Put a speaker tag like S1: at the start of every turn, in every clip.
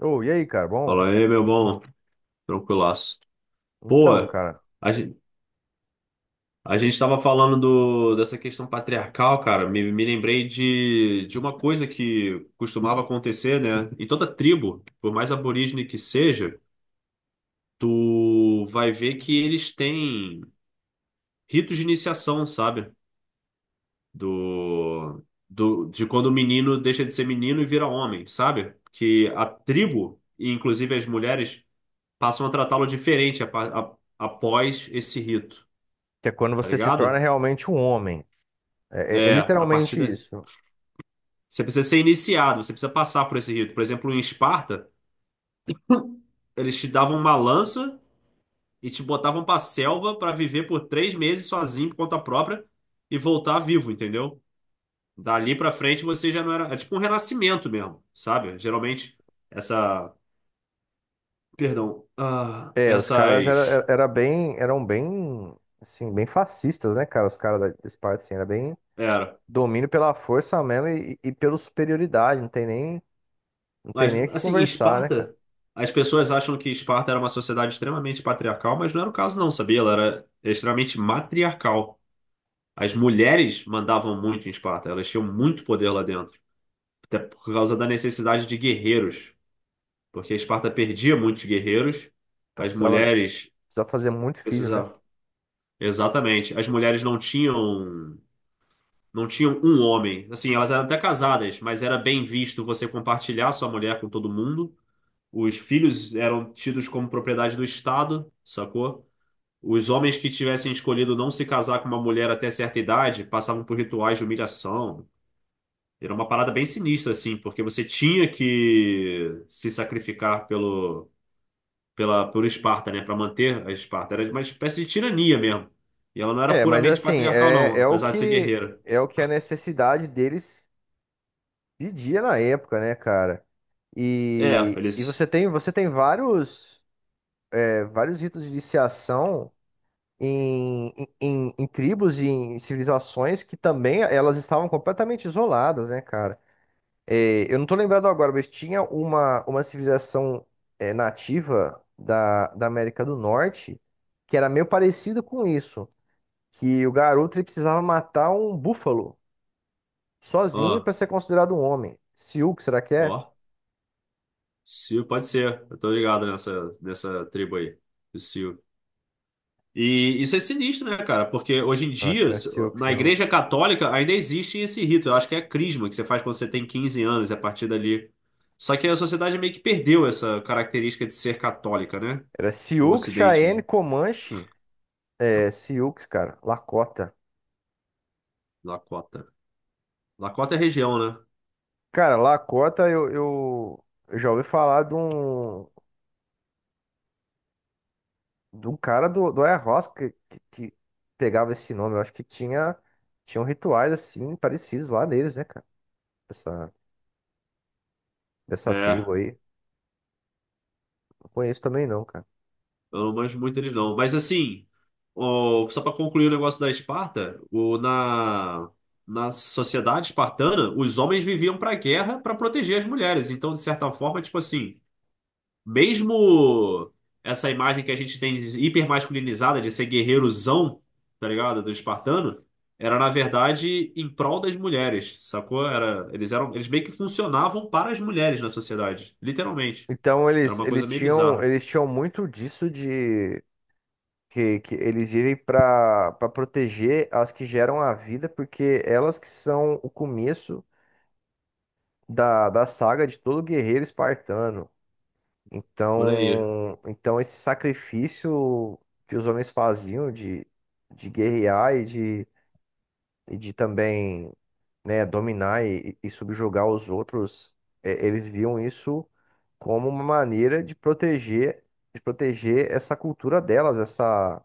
S1: Ô, e aí, cara? Bom,
S2: Fala aí, meu bom. Tranquilaço. Pô,
S1: então, cara,
S2: a gente, a gente tava falando dessa questão patriarcal, cara. Me lembrei de uma coisa que costumava acontecer, né? Em toda tribo, por mais aborígene que seja, tu vai ver que eles têm ritos de iniciação, sabe? Do, de quando o menino deixa de ser menino e vira homem, sabe? Que a tribo, e inclusive as mulheres, passam a tratá-lo diferente após esse rito.
S1: que é quando
S2: Tá
S1: você se torna
S2: ligado?
S1: realmente um homem. É
S2: É, a partir
S1: literalmente
S2: dali.
S1: isso.
S2: Você precisa ser iniciado, você precisa passar por esse rito. Por exemplo, em Esparta, eles te davam uma lança e te botavam pra selva pra viver por três meses sozinho por conta própria e voltar vivo, entendeu? Dali pra frente você já não era. É tipo um renascimento mesmo, sabe? Geralmente, essa. Perdão. Ah,
S1: É, os caras era,
S2: essas.
S1: era era bem, eram bem, assim, bem fascistas, né, cara? Os caras da Esparta, assim, era bem
S2: Era.
S1: domínio pela força mesmo e pela superioridade. Não tem
S2: Mas,
S1: nem o que
S2: assim, em
S1: conversar, né, cara?
S2: Esparta, as pessoas acham que Esparta era uma sociedade extremamente patriarcal, mas não era o caso, não, sabia? Ela era extremamente matriarcal. As mulheres mandavam muito em Esparta, elas tinham muito poder lá dentro, até por causa da necessidade de guerreiros, porque Esparta perdia muitos guerreiros,
S1: Então
S2: as
S1: precisava,
S2: mulheres
S1: precisava fazer muito filho, né?
S2: precisavam. Exatamente, as mulheres não tinham não tinham um homem, assim, elas eram até casadas, mas era bem visto você compartilhar sua mulher com todo mundo. Os filhos eram tidos como propriedade do Estado, sacou? Os homens que tivessem escolhido não se casar com uma mulher até certa idade passavam por rituais de humilhação. Era uma parada bem sinistra, assim, porque você tinha que se sacrificar por Esparta, né? Para manter a Esparta. Era uma espécie de tirania mesmo. E ela não era
S1: É, mas
S2: puramente
S1: assim,
S2: patriarcal,
S1: é,
S2: não,
S1: é o
S2: apesar de ser
S1: que
S2: guerreira.
S1: é o que a necessidade deles pedia na época, né, cara?
S2: É,
S1: E, e
S2: eles.
S1: você tem você tem vários. É, vários ritos de iniciação em, em tribos e em civilizações que também elas estavam completamente isoladas, né, cara? É, eu não tô lembrado agora, mas tinha uma civilização é, nativa da América do Norte, que era meio parecida com isso, que o garoto ele precisava matar um búfalo sozinho
S2: Ó,
S1: para ser considerado um homem. Sioux, será que é?
S2: ó. Sil, pode ser. Eu tô ligado nessa, nessa tribo aí. Do Sil. E isso é sinistro, né, cara? Porque hoje em
S1: Não, acho que
S2: dia,
S1: não é Sioux,
S2: na
S1: não.
S2: Igreja Católica, ainda existe esse rito. Eu acho que é a crisma que você faz quando você tem 15 anos, é a partir dali. Só que a sociedade meio que perdeu essa característica de ser católica, né?
S1: Era
S2: O
S1: Sioux, Cheyenne,
S2: Ocidente,
S1: Comanche. É Sioux, cara. Lakota.
S2: Lakota. Lakota é região, né?
S1: Cara, Lakota, eu já ouvi falar de um cara do, do Air House que pegava esse nome. Eu acho que tinha, tinham rituais assim parecidos lá neles, né, cara? Dessa, dessa
S2: É.
S1: tribo aí. Não conheço também não, cara.
S2: Eu não manjo muito eles, não. Mas assim, só para concluir o negócio da Esparta, na sociedade espartana, os homens viviam para guerra para proteger as mulheres. Então, de certa forma, tipo assim. Mesmo essa imagem que a gente tem de hipermasculinizada de ser guerreirozão, tá ligado? Do espartano, era na verdade em prol das mulheres, sacou? Era, eles eram, eles meio que funcionavam para as mulheres na sociedade, literalmente.
S1: Então
S2: Era uma coisa meio bizarra.
S1: eles tinham muito disso de que eles vivem para proteger as que geram a vida, porque elas que são o começo da saga de todo guerreiro espartano.
S2: Por aí.
S1: Então esse sacrifício que os homens faziam de guerrear e de também, né, dominar e subjugar os outros, é, eles viam isso como uma maneira de proteger essa cultura delas,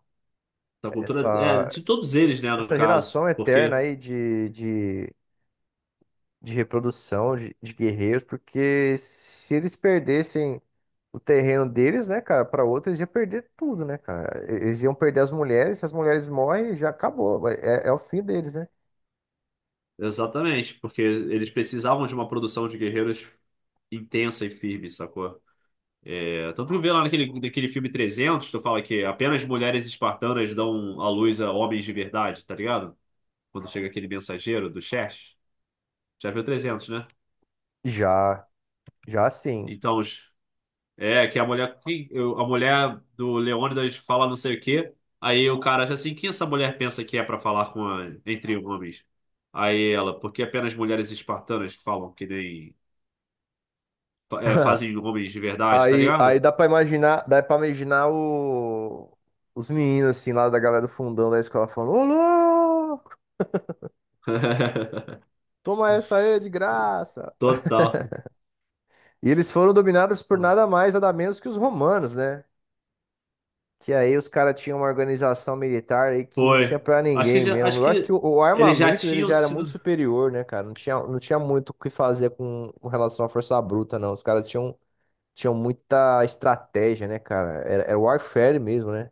S2: Da cultura, é,
S1: essa,
S2: de todos eles, né, no
S1: essa
S2: caso.
S1: geração
S2: Porque,
S1: eterna aí de reprodução de guerreiros, porque se eles perdessem o terreno deles, né, cara, para outros ia perder tudo, né, cara? E- eles iam perder as mulheres, se as mulheres morrem, já acabou, é o fim deles, né?
S2: exatamente, porque eles precisavam de uma produção de guerreiros intensa e firme, sacou? É, tanto que vê lá naquele filme 300, tu fala que apenas mulheres espartanas dão à luz a homens de verdade, tá ligado? Quando chega aquele mensageiro do Xerxes. Já viu 300, né?
S1: Já, já sim.
S2: Então, os- é que a mulher, a mulher do Leônidas fala não sei o quê, aí o cara já assim, quem essa mulher pensa que é pra falar com entre homens? Aí ela, porque apenas mulheres espartanas falam que nem, fazem homens de verdade, tá
S1: Aí
S2: ligado?
S1: dá pra imaginar, dá para imaginar os meninos assim lá da galera do fundão da escola falando: "Ô, louco, toma essa aí é de graça".
S2: Total.
S1: E eles foram dominados por nada mais, nada menos que os romanos, né? Que aí os caras tinham uma organização militar aí que não tinha
S2: Foi.
S1: pra
S2: Acho que
S1: ninguém
S2: já,
S1: mesmo.
S2: acho
S1: Eu acho que
S2: que
S1: o
S2: eles já
S1: armamento dele
S2: tinham
S1: já era muito
S2: sido.
S1: superior, né, cara? Não tinha muito o que fazer com relação à força bruta, não. Os caras tinham, tinham muita estratégia, né, cara? Era warfare mesmo, né?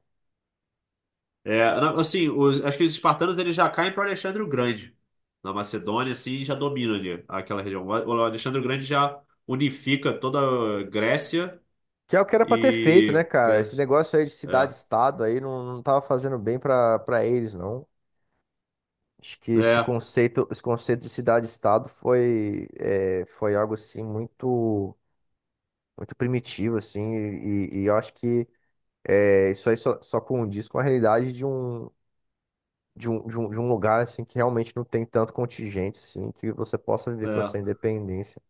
S2: É, não, assim, acho que os espartanos eles já caem para Alexandre o Grande. Na Macedônia, assim, já domina ali aquela região. O Alexandre o Grande já unifica toda a Grécia
S1: Que é o que era pra ter feito, né,
S2: e.
S1: cara? Esse negócio aí de
S2: É,
S1: cidade-estado aí não, não tava fazendo bem pra eles, não. Acho que
S2: é,
S1: esse conceito de cidade-estado foi, é, foi algo, assim, muito, muito primitivo, assim, e eu acho que é, isso aí só, só condiz com a realidade de um lugar assim que realmente não tem tanto contingente assim, que você possa viver com essa
S2: é.
S1: independência.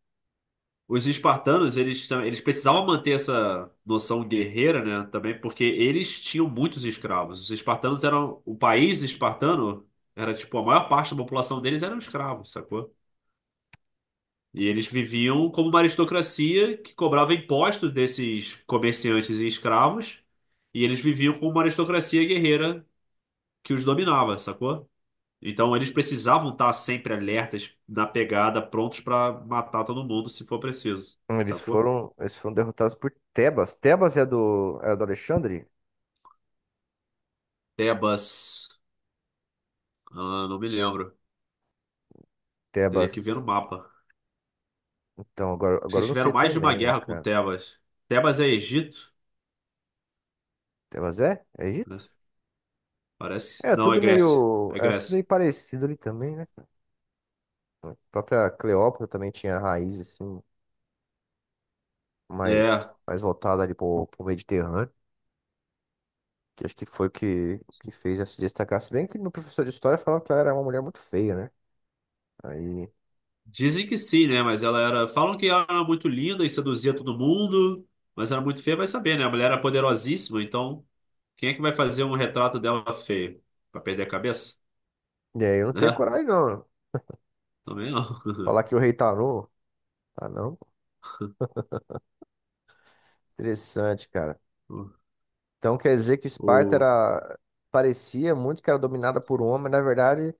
S2: Os espartanos, eles, eles precisavam manter essa noção guerreira, né? Também porque eles tinham muitos escravos. Os espartanos eram. O país espartano era, tipo, a maior parte da população deles eram escravos, sacou? E eles viviam como uma aristocracia que cobrava impostos desses comerciantes e escravos, e eles viviam como uma aristocracia guerreira que os dominava, sacou? Então eles precisavam estar sempre alertas, na pegada, prontos para matar todo mundo se for preciso,
S1: Eles
S2: sacou?
S1: foram, eles foram derrotados por Tebas. Tebas é do Alexandre?
S2: Tebas, ah, não me lembro, teria que ver no
S1: Tebas.
S2: mapa.
S1: Então, agora,
S2: Acho que
S1: agora eu
S2: eles
S1: não
S2: tiveram
S1: sei
S2: mais de uma
S1: também, né,
S2: guerra com
S1: cara?
S2: Tebas. Tebas é Egito,
S1: Tebas é? É
S2: né?
S1: Egito?
S2: Parece. Não, é Grécia. É
S1: Era tudo
S2: Grécia.
S1: meio parecido ali também, né? A própria Cleópatra também tinha raiz assim,
S2: É.
S1: mais, mais voltada ali pro, pro Mediterrâneo. Que acho que foi o que fez ela se destacar. Se bem que meu professor de história falou que ela era uma mulher muito feia, né? Aí,
S2: Dizem que sim, né? Mas ela era. Falam que ela era muito linda e seduzia todo mundo, mas era muito feia, vai saber, né? A mulher era poderosíssima, então quem é que vai fazer um retrato dela feio? Pra perder a cabeça?
S1: e aí eu não tenho
S2: Né?
S1: coragem, não.
S2: Também não.
S1: Falar que o rei tá Tarô. Tá não? Interessante, cara.
S2: O,
S1: Então quer dizer que Esparta
S2: o-
S1: era. Parecia muito que era dominada por homem, mas na verdade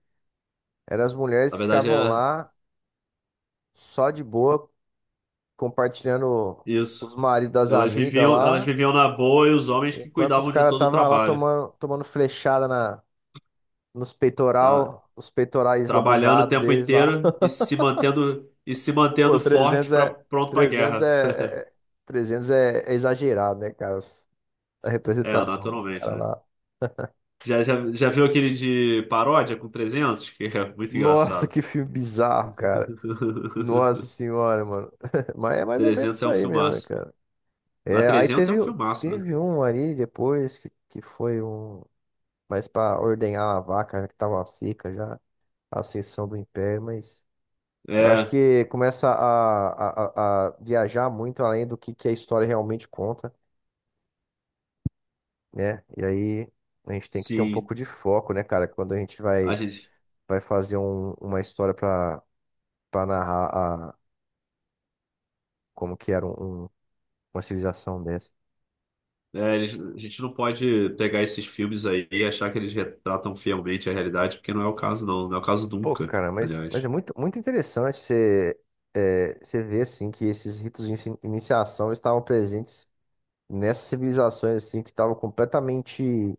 S1: eram as mulheres
S2: na
S1: que
S2: verdade
S1: ficavam
S2: é
S1: lá só de boa, compartilhando os
S2: isso.
S1: maridos das amigas
S2: Elas
S1: lá,
S2: viviam na boa e os homens que
S1: enquanto os
S2: cuidavam de
S1: caras
S2: todo o
S1: estavam lá
S2: trabalho,
S1: tomando, tomando flechada na, nos
S2: tá?
S1: peitoral, os peitorais
S2: Trabalhando o
S1: lambuzados
S2: tempo
S1: deles lá.
S2: inteiro e se
S1: Pô,
S2: mantendo forte para pronto para
S1: 300
S2: guerra.
S1: é, é- 300 é, é exagerado, né, cara? Os- a
S2: É,
S1: representação dos
S2: naturalmente,
S1: caras
S2: né?
S1: lá.
S2: Já viu aquele de paródia com 300 que é muito
S1: Nossa,
S2: engraçado.
S1: que filme bizarro, cara. Nossa senhora, mano. Mas é mais ou menos
S2: Trezentos
S1: isso
S2: é um
S1: aí mesmo, né,
S2: filmaço.
S1: cara?
S2: A
S1: É, aí
S2: trezentos é
S1: teve,
S2: um filmaço, né?
S1: teve um ali depois que foi um. Mas pra ordenhar a vaca que tava seca já, a ascensão do império, mas eu acho
S2: É,
S1: que começa a viajar muito além do que a história realmente conta. Né? E aí a gente tem que ter um
S2: sim.
S1: pouco de foco, né, cara? Quando a gente
S2: A
S1: vai,
S2: gente,
S1: vai fazer um- uma história pra para narrar a, como que era um- um- uma civilização dessa.
S2: é, a gente não pode pegar esses filmes aí e achar que eles retratam fielmente a realidade, porque não é o caso, não. Não é o caso
S1: Pô,
S2: nunca,
S1: cara, mas é
S2: aliás.
S1: muito, muito interessante você, é, você ver, assim, que esses ritos de inici- iniciação estavam presentes nessas civilizações, assim, que estavam completamente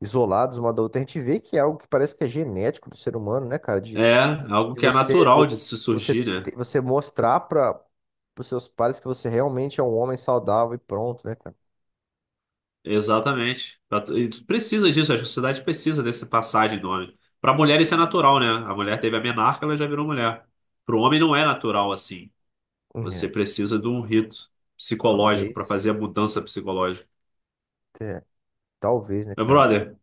S1: isolados uma da outra. A gente vê que é algo que parece que é genético do ser humano, né, cara?
S2: É, algo
S1: De
S2: que é
S1: você,
S2: natural
S1: vo-
S2: de se
S1: você,
S2: surgir,
S1: te-
S2: né?
S1: você mostrar para os seus pais que você realmente é um homem saudável e pronto, né, cara?
S2: Exatamente. E tu precisa disso, a sociedade precisa dessa passagem do homem. Para mulher isso é natural, né? A mulher teve a menarca, ela já virou mulher. Para o homem não é natural assim. Você
S1: É,
S2: precisa de um rito psicológico para fazer
S1: talvez,
S2: a mudança psicológica.
S1: é, talvez, né,
S2: Meu
S1: cara?
S2: brother,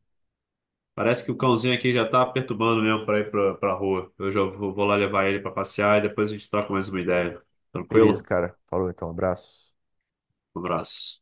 S2: parece que o cãozinho aqui já tá perturbando mesmo para ir pra rua. Eu já vou lá levar ele para passear e depois a gente troca mais uma ideia.
S1: Beleza,
S2: Tranquilo?
S1: cara. Falou então, abraço.
S2: Um abraço.